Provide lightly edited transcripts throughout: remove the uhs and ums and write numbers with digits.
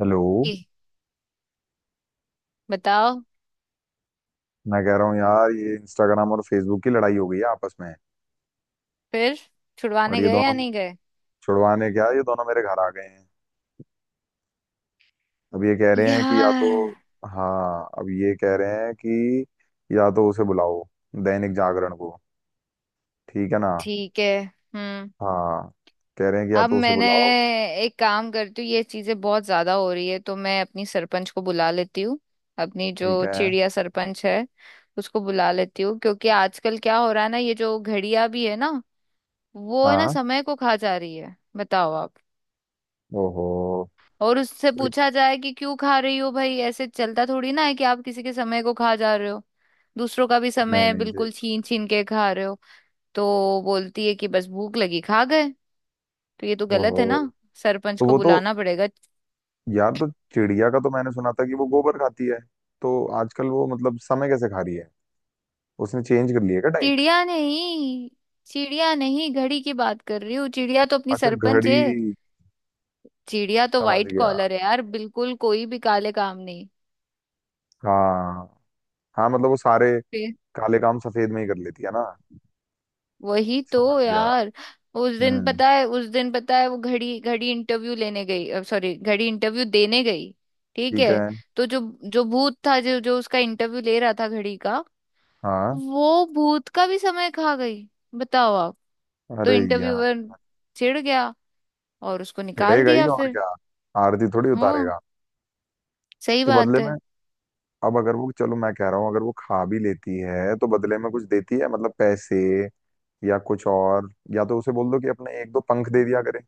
Hello. ई, बताओ। मैं कह रहा हूँ यार ये इंस्टाग्राम और फेसबुक की लड़ाई हो गई है आपस में। फिर और छुड़वाने ये गए या दोनों नहीं गए। छुड़वाने क्या ये दोनों मेरे घर आ गए हैं। अब ये कह रहे हैं कि या तो यार हाँ, अब ये कह रहे हैं कि या तो उसे बुलाओ दैनिक जागरण को। ठीक है ना। ठीक है। हम्म। हाँ, कह रहे हैं कि या अब तो उसे मैंने, बुलाओ। एक काम करती हूँ, ये चीजें बहुत ज्यादा हो रही है तो मैं अपनी सरपंच को बुला लेती हूँ। अपनी ठीक जो है। चिड़िया सरपंच है उसको बुला लेती हूँ, क्योंकि आजकल क्या हो रहा है ना, ये जो घड़ियां भी है ना, वो है ना हाँ। समय को खा जा रही है, बताओ आप। ओहो। और उससे पूछा जाए कि क्यों खा रही हो भाई, ऐसे चलता थोड़ी ना है कि आप किसी के समय को खा जा रहे हो, दूसरों का भी नहीं समय नहीं जी। बिल्कुल छीन छीन के खा रहे हो। तो बोलती है कि बस भूख लगी खा गए। तो ये तो गलत है ओहो। ना, सरपंच तो को वो तो बुलाना पड़ेगा। यार तो चिड़िया का तो मैंने सुना था कि वो गोबर खाती है। तो आजकल वो मतलब समय कैसे खा रही है? उसने चेंज कर लिया क्या? चिड़िया नहीं, चिड़िया नहीं, घड़ी की बात कर रही हूँ। चिड़िया तो अपनी अच्छा, सरपंच घड़ी। है। चिड़िया तो समझ वाइट गया। कॉलर है यार, बिल्कुल कोई भी काले काम नहीं। हाँ, हाँ, मतलब वो सारे काले काम सफेद में ही कर लेती है ना। वही तो समझ गया। यार। उस दिन हम्म। पता है, उस दिन पता है, वो घड़ी घड़ी इंटरव्यू लेने गई, सॉरी घड़ी इंटरव्यू देने गई। ठीक ठीक है, है। तो जो जो भूत था, जो जो उसका इंटरव्यू ले रहा था, घड़ी का। हाँ। वो भूत का भी समय खा गई, बताओ आप। तो अरे यार, इंटरव्यूअर चिढ़ गया और उसको निकाल चिढ़ेगा ही दिया और फिर। क्या। आरती थोड़ी हाँ उतारेगा। सही तो बात बदले में है। अब अगर वो चलो, मैं कह रहा हूँ अगर वो खा भी लेती है तो बदले में कुछ देती है मतलब पैसे या कुछ और। या तो उसे बोल दो कि अपने एक दो पंख दे दिया करे।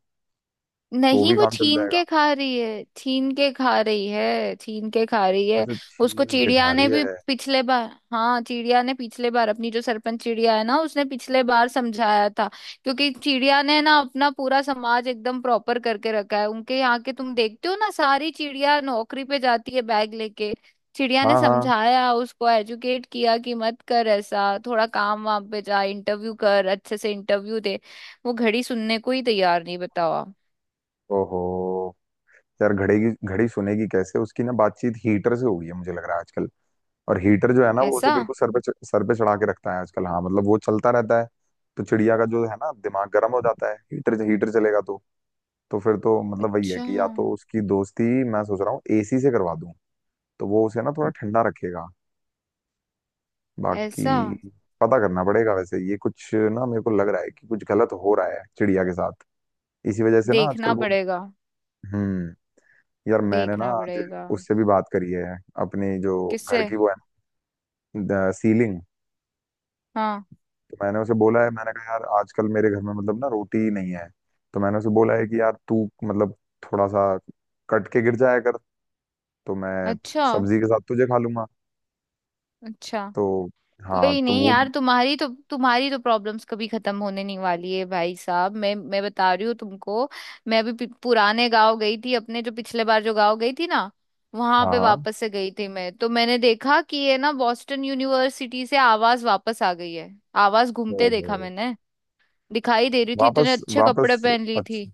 तो वो नहीं भी वो काम चल छीन जाएगा। के खा रही है, छीन के खा रही है, छीन के खा रही है। अच्छा, उसको छीन के खा चिड़िया ने रही भी है। पिछले बार, हाँ चिड़िया ने पिछले बार, अपनी जो सरपंच चिड़िया है ना, उसने पिछले बार समझाया था, क्योंकि चिड़िया ने ना अपना पूरा समाज एकदम प्रॉपर करके रखा है। उनके यहाँ के तुम देखते हो ना, सारी चिड़िया नौकरी पे जाती है बैग लेके। चिड़िया ने हाँ हाँ। समझाया उसको, एजुकेट किया, कि मत कर ऐसा, थोड़ा काम वाम पे जा, इंटरव्यू कर, अच्छे से इंटरव्यू दे। वो घड़ी सुनने को ही तैयार नहीं, बताओ आप। ओहो। यार, घड़ी सुनेगी कैसे? उसकी ना बातचीत हीटर से हो गई है मुझे लग रहा है आजकल। और हीटर जो है ना वो उसे ऐसा। बिल्कुल सर पे चढ़ा के रखता है आजकल। हाँ मतलब वो चलता रहता है। तो चिड़िया का जो है ना दिमाग गर्म हो जाता है, हीटर हीटर चलेगा तो। तो फिर तो मतलब वही है अच्छा। कि या तो उसकी दोस्ती मैं सोच रहा हूँ एसी से करवा दूं। तो वो उसे ना थोड़ा ठंडा रखेगा। ऐसा। बाकी पता करना पड़ेगा, वैसे ये कुछ ना मेरे को लग रहा है कि कुछ गलत हो रहा है चिड़िया के साथ। इसी वजह से ना आजकल देखना वो। पड़ेगा, हम्म। यार, मैंने ना देखना आज पड़ेगा। उससे भी बात करी है। अपनी जो किससे? घर की वो है, सीलिंग। हाँ। तो मैंने उसे बोला है, मैंने कहा यार आजकल मेरे घर में मतलब ना रोटी नहीं है। तो मैंने उसे बोला है कि यार तू मतलब थोड़ा सा कट के गिर जाया कर। तो मैं अच्छा। सब्जी के साथ तुझे खा लूंगा। अच्छा। तो, हाँ कोई तो नहीं वो। यार, तुम्हारी तो, तुम्हारी तो प्रॉब्लम्स कभी खत्म होने नहीं वाली है भाई साहब, मैं बता रही हूँ तुमको। मैं अभी पुराने गांव गई थी, अपने जो पिछले बार जो गांव गई थी ना, वहां हाँ पे हाँ। वापस से गई थी मैं, तो मैंने देखा कि ये ना बॉस्टन यूनिवर्सिटी से आवाज वापस आ गई है। आवाज घूमते ओहो। देखा मैंने, दिखाई दे रही थी, इतने वापस, अच्छे कपड़े वापस। पहन ली थी। अच्छा,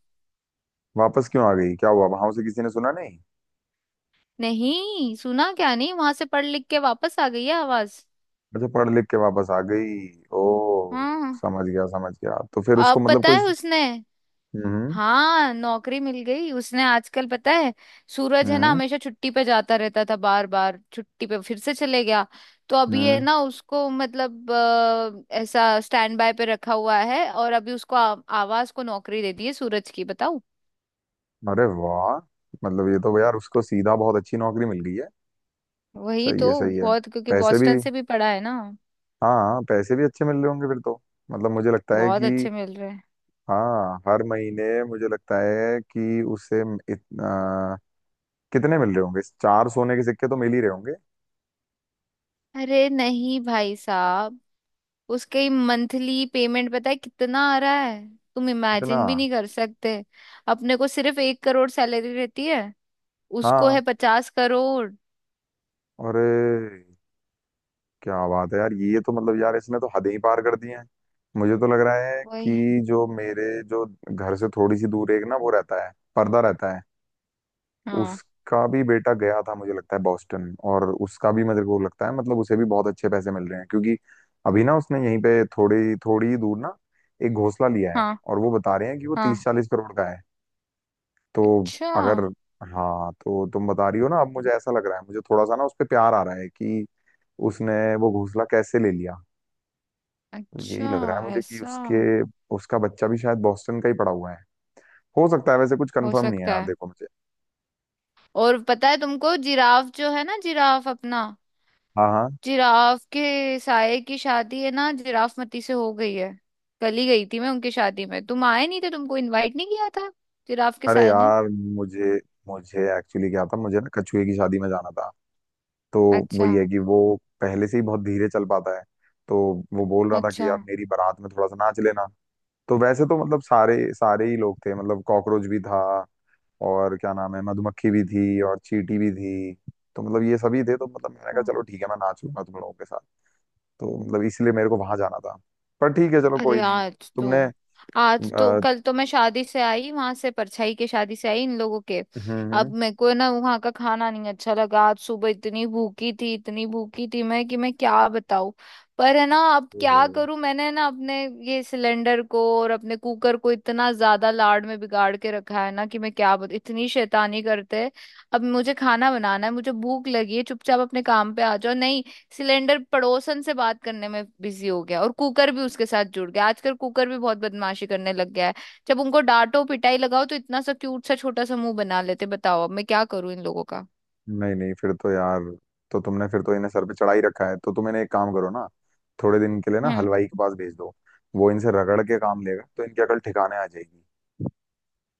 वापस क्यों आ गई? क्या हुआ वहां से, किसी ने सुना नहीं? नहीं सुना क्या, नहीं वहां से पढ़ लिख के वापस आ गई है आवाज। अच्छा, पढ़ लिख के वापस आ गई। ओ, हाँ। समझ गया, समझ गया। तो फिर उसको अब मतलब पता कोई। है उसने, हम्म। हाँ नौकरी मिल गई उसने आजकल, पता है सूरज है ना, हम्म। हमेशा छुट्टी पे जाता रहता था, बार बार छुट्टी पे फिर से चले गया। तो अभी ये हम्म। ना उसको, मतलब ऐसा स्टैंड बाय पे रखा हुआ है, और अभी उसको आवाज को नौकरी दे दी है सूरज की, बताओ। अरे वाह। मतलब ये तो यार उसको सीधा बहुत अच्छी नौकरी मिल गई है। वही सही तो, है, सही है। बहुत, क्योंकि पैसे भी। बॉस्टन से भी पढ़ा है ना। हाँ हाँ, पैसे भी अच्छे मिल रहे होंगे फिर तो। मतलब मुझे लगता है बहुत कि। अच्छे मिल रहे हैं। हाँ, हर महीने मुझे लगता है कि उसे इतना कितने मिल रहे होंगे? चार सोने के सिक्के तो मिल ही रहे होंगे। अरे नहीं भाई साहब, उसके ही मंथली पेमेंट पता है कितना आ रहा है, तुम इतना। इमेजिन भी नहीं कर सकते। अपने को सिर्फ एक करोड़ सैलरी रहती है, उसको हाँ। है पचास करोड़। अरे, क्या बात है यार, ये तो मतलब यार इसने तो हदें ही पार कर दी हैं। मुझे तो लग रहा है वही। कि जो घर से थोड़ी सी दूर एक ना वो रहता है, पर्दा रहता है। हाँ। उसका भी बेटा गया था मुझे लगता है बॉस्टन, और उसका भी मेरे को लगता है मतलब उसे भी बहुत अच्छे पैसे मिल रहे हैं क्योंकि अभी ना उसने यहीं पे थोड़ी थोड़ी ही दूर ना एक घोंसला लिया है। हाँ। और वो बता रहे हैं कि वो तीस हाँ। चालीस करोड़ का है। तो अच्छा। अगर हाँ तो तुम बता रही हो ना, अब मुझे ऐसा लग रहा है, मुझे थोड़ा सा ना उस पे प्यार आ रहा है कि उसने वो घोंसला कैसे ले लिया। यही अच्छा। लग रहा है मुझे कि ऐसा। उसके उसका बच्चा भी शायद बॉस्टन का ही पड़ा हुआ है। हो सकता है, वैसे कुछ हो कंफर्म नहीं है सकता यार, है। देखो मुझे। और पता है तुमको, जिराफ जो है ना, जिराफ अपना, हाँ हाँ। जिराफ के साये की शादी है ना, जिराफ मती से हो गई है। कल ही गई थी मैं उनकी शादी में, तुम आए नहीं थे, तुमको इनवाइट नहीं किया था जिराफ के अरे साये ने। यार, मुझे मुझे एक्चुअली क्या था, मुझे ना कछुए की शादी में जाना था। तो अच्छा। वही है कि वो पहले से ही बहुत धीरे चल पाता है। तो वो बोल रहा था कि अच्छा। यार, मेरी बारात में थोड़ा सा नाच लेना। तो वैसे तो मतलब सारे सारे ही लोग थे, मतलब कॉकरोच भी था। और क्या नाम है, मधुमक्खी भी थी और चींटी भी थी। तो मतलब ये सभी थे तो मतलब मैंने कहा क्या? चलो ठीक है, मैं नाच लूंगा तुम लोगों के साथ। तो मतलब इसलिए मेरे को वहां जाना था। पर ठीक है, चलो कोई अरे नहीं। आज तो, तुमने। आज तो, अ, कल तो मैं शादी से आई, वहां से परछाई के शादी से आई इन लोगों के। हम्म। अब मेरे को ना वहां का खाना नहीं अच्छा लगा, आज सुबह इतनी भूखी थी, इतनी भूखी थी मैं कि मैं क्या बताऊं। पर है ना, अब क्या हम्म। करूं, मैंने ना अपने ये सिलेंडर को और अपने कुकर को इतना ज्यादा लाड़ में बिगाड़ के रखा है ना, कि मैं क्या बता, इतनी शैतानी करते हैं। अब मुझे खाना बनाना है, मुझे भूख लगी है, चुपचाप अपने काम पे आ जाओ, नहीं, सिलेंडर पड़ोसन से बात करने में बिजी हो गया, और कुकर भी उसके साथ जुड़ गया, आजकल कुकर भी बहुत बदमाशी करने लग गया है। जब उनको डांटो पिटाई लगाओ, तो इतना सा क्यूट सा छोटा सा मुंह बना लेते, बताओ अब मैं क्या करूं इन लोगों का। नहीं नहीं, फिर तो यार, तो तुमने फिर तो इन्हें सर पे चढ़ा ही रखा है, तो तुम इन्हें एक काम करो ना। थोड़े दिन के लिए ना हम्म। हलवाई के पास भेज दो। वो इनसे रगड़ के काम लेगा तो इनकी अकल ठिकाने आ जाएगी।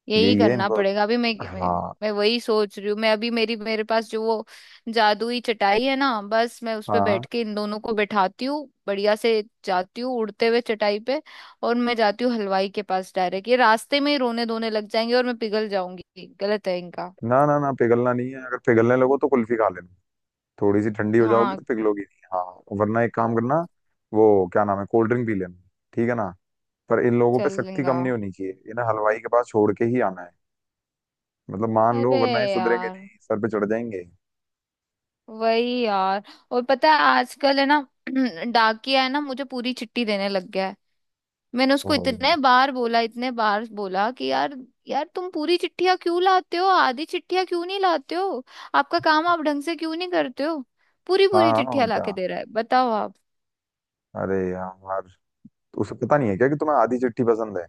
यही यही है करना इनको। पड़ेगा, अभी हाँ। मैं वही सोच रही हूँ। मैं अभी, मेरी मेरे पास जो वो जादुई चटाई है ना, बस मैं उस पे हाँ बैठ के इन दोनों को बैठाती हूँ, बढ़िया से जाती हूँ उड़ते हुए चटाई पे, और मैं जाती हूँ हलवाई के पास डायरेक्ट। ये रास्ते में ही रोने धोने लग जाएंगे और मैं पिघल जाऊंगी, गलत है इनका। ना, ना, ना, पिघलना नहीं है। अगर पिघलने लगो तो कुल्फी खा लेना। थोड़ी सी ठंडी हो जाओगी हाँ तो पिघलोगी नहीं। हाँ। वरना एक काम करना, वो क्या नाम है, कोल्ड ड्रिंक पी लेना। ठीक है ना। पर इन लोगों पे चल सख्ती लेंगा। कम नहीं होनी चाहिए, इन्हें हलवाई के पास छोड़ के ही आना है। मतलब मान लो, अरे वरना ये सुधरेंगे यार, नहीं, सर पे चढ़ जाएंगे। वही यार। और पता है आजकल है ना, डाकिया है ना, मुझे पूरी चिट्ठी देने लग गया है। मैंने उसको ओहो। इतने बार बोला, इतने बार बोला कि यार, यार तुम पूरी चिट्ठियां क्यों लाते हो, आधी चिट्ठियां क्यों नहीं लाते हो, आपका काम आप ढंग से क्यों नहीं करते हो, पूरी हाँ पूरी हाँ, और चिट्ठियां क्या। लाके दे रहा है, बताओ आप। अरे यार, उसे पता नहीं है क्या कि तुम्हें आधी चिट्ठी पसंद है?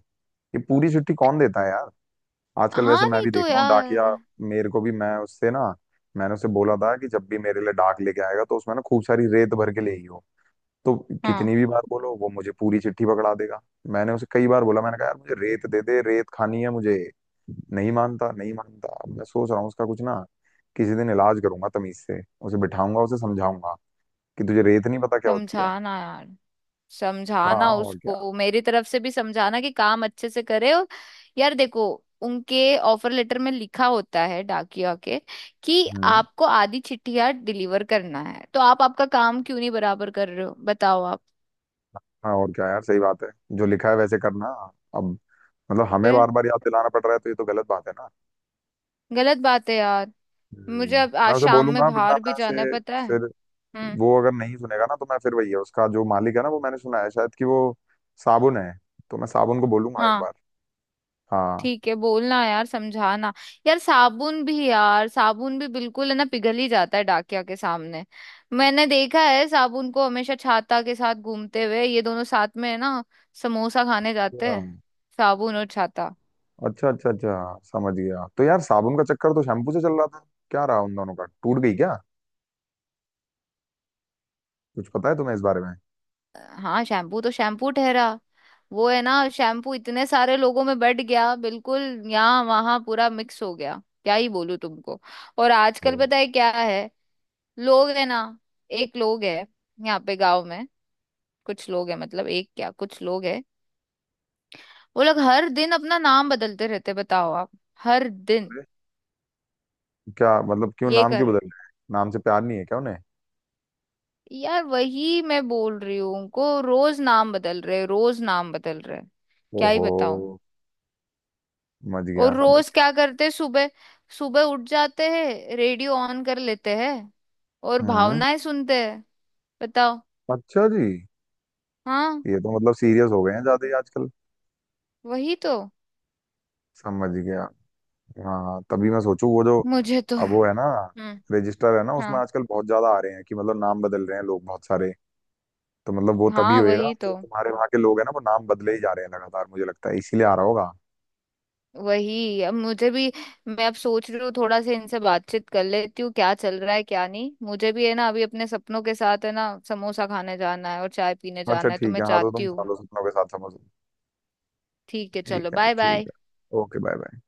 ये पूरी चिट्ठी कौन देता है यार? आजकल वैसे हाँ मैं नहीं भी तो देख रहा हूँ डाकिया। यार। मेरे को भी, मैं उससे ना। मैंने उसे बोला था कि जब भी मेरे लिए डाक लेके आएगा तो उसमें ना खूब सारी रेत भर के ले आई हो। तो हाँ कितनी भी बार बोलो वो मुझे पूरी चिट्ठी पकड़ा देगा। मैंने उसे कई बार बोला, मैंने कहा यार मुझे रेत दे दे, रेत खानी है मुझे। नहीं मानता, नहीं मानता। अब मैं सोच रहा हूँ उसका कुछ ना, किसी दिन इलाज करूंगा तमीज से। उसे बिठाऊंगा, उसे समझाऊंगा कि तुझे रेत नहीं पता क्या होती है। समझाना यार, हाँ, समझाना और क्या। उसको, मेरी तरफ से भी समझाना कि काम अच्छे से करे। और यार देखो, उनके ऑफर लेटर में लिखा होता है डाकिया के, कि हम्म। आपको आधी चिट्ठियां डिलीवर करना है, तो आप, आपका काम क्यों नहीं बराबर कर रहे हो, बताओ आप। हाँ, और क्या यार, सही बात है। जो लिखा है वैसे करना। अब मतलब हमें फिर बार बार याद दिलाना पड़ रहा है, तो ये तो गलत बात है ना। गलत बात है यार। मुझे हम्म। अब आज मैं उसे शाम में बोलूंगा, वरना बाहर भी मैं उसे जाना है पता है। फिर। हम्म। वो अगर नहीं सुनेगा ना तो मैं फिर वही है, उसका जो मालिक है ना, वो मैंने सुना है शायद कि वो साबुन है। तो मैं साबुन को बोलूंगा एक हाँ बार। हाँ ठीक है, बोलना यार, समझाना। यार साबुन भी, यार साबुन भी बिल्कुल है ना, पिघल ही जाता है डाकिया के सामने। मैंने देखा है साबुन को, हमेशा छाता के साथ घूमते हुए, ये दोनों साथ में है ना, समोसा खाने जाते हाँ। हैं, साबुन और छाता। अच्छा, अच्छा, अच्छा, समझ गया। तो यार साबुन का चक्कर तो शैम्पू से चल रहा था। क्या रहा उन दोनों का? टूट गई क्या? कुछ पता है तुम्हें इस बारे में? हाँ शैम्पू तो शैम्पू ठहरा, वो है ना शैम्पू इतने सारे लोगों में बट गया बिल्कुल, यहाँ वहां पूरा मिक्स हो गया, क्या ही बोलूं तुमको। और आजकल हाँ। पता है क्या है, लोग है ना, एक लोग है, यहाँ पे गांव में, कुछ लोग हैं, मतलब एक क्या, कुछ लोग हैं, वो लोग हर दिन अपना नाम बदलते रहते हैं, बताओ आप, हर दिन अरे, क्या मतलब? क्यों ये नाम कर क्यों रहे बदल हैं। रहे हैं? नाम से प्यार नहीं है क्या उन्हें? यार वही मैं बोल रही हूँ उनको, रोज नाम बदल रहे हैं, रोज नाम बदल रहे हैं, क्या ही ओहो, बताऊं। समझ गया, और समझ रोज गया। क्या करते हैं, सुबह, सुबह उठ जाते हैं, रेडियो ऑन कर लेते हैं, और हम्म। भावनाएं सुनते हैं, बताओ। अच्छा जी। हाँ ये तो मतलब सीरियस हो गए हैं ज्यादा ही आजकल। वही तो। समझ गया। हाँ, तभी मैं सोचूं वो जो। मुझे तो, अब वो है ना, हम्म, रजिस्टर है ना, उसमें हाँ आजकल बहुत ज्यादा आ रहे हैं कि मतलब नाम बदल रहे हैं लोग बहुत सारे। तो मतलब वो तभी हाँ होएगा, वही जो तो, तुम्हारे वहाँ के लोग हैं ना वो नाम बदले ही जा रहे हैं लगातार, मुझे लगता है इसीलिए आ रहा होगा। वही अब मुझे भी, मैं अब सोच रही हूँ थोड़ा सा इनसे बातचीत कर लेती हूँ, क्या चल रहा है क्या नहीं, मुझे भी है ना, अभी अपने सपनों के साथ है ना समोसा खाने जाना है और चाय पीने अच्छा जाना है, तो ठीक मैं है। हाँ, तो जाती तुम खा हूँ। लो सपनों के साथ, समझ लो। ठीक है ठीक चलो, है, बाय ठीक बाय। है। Okay, bye bye.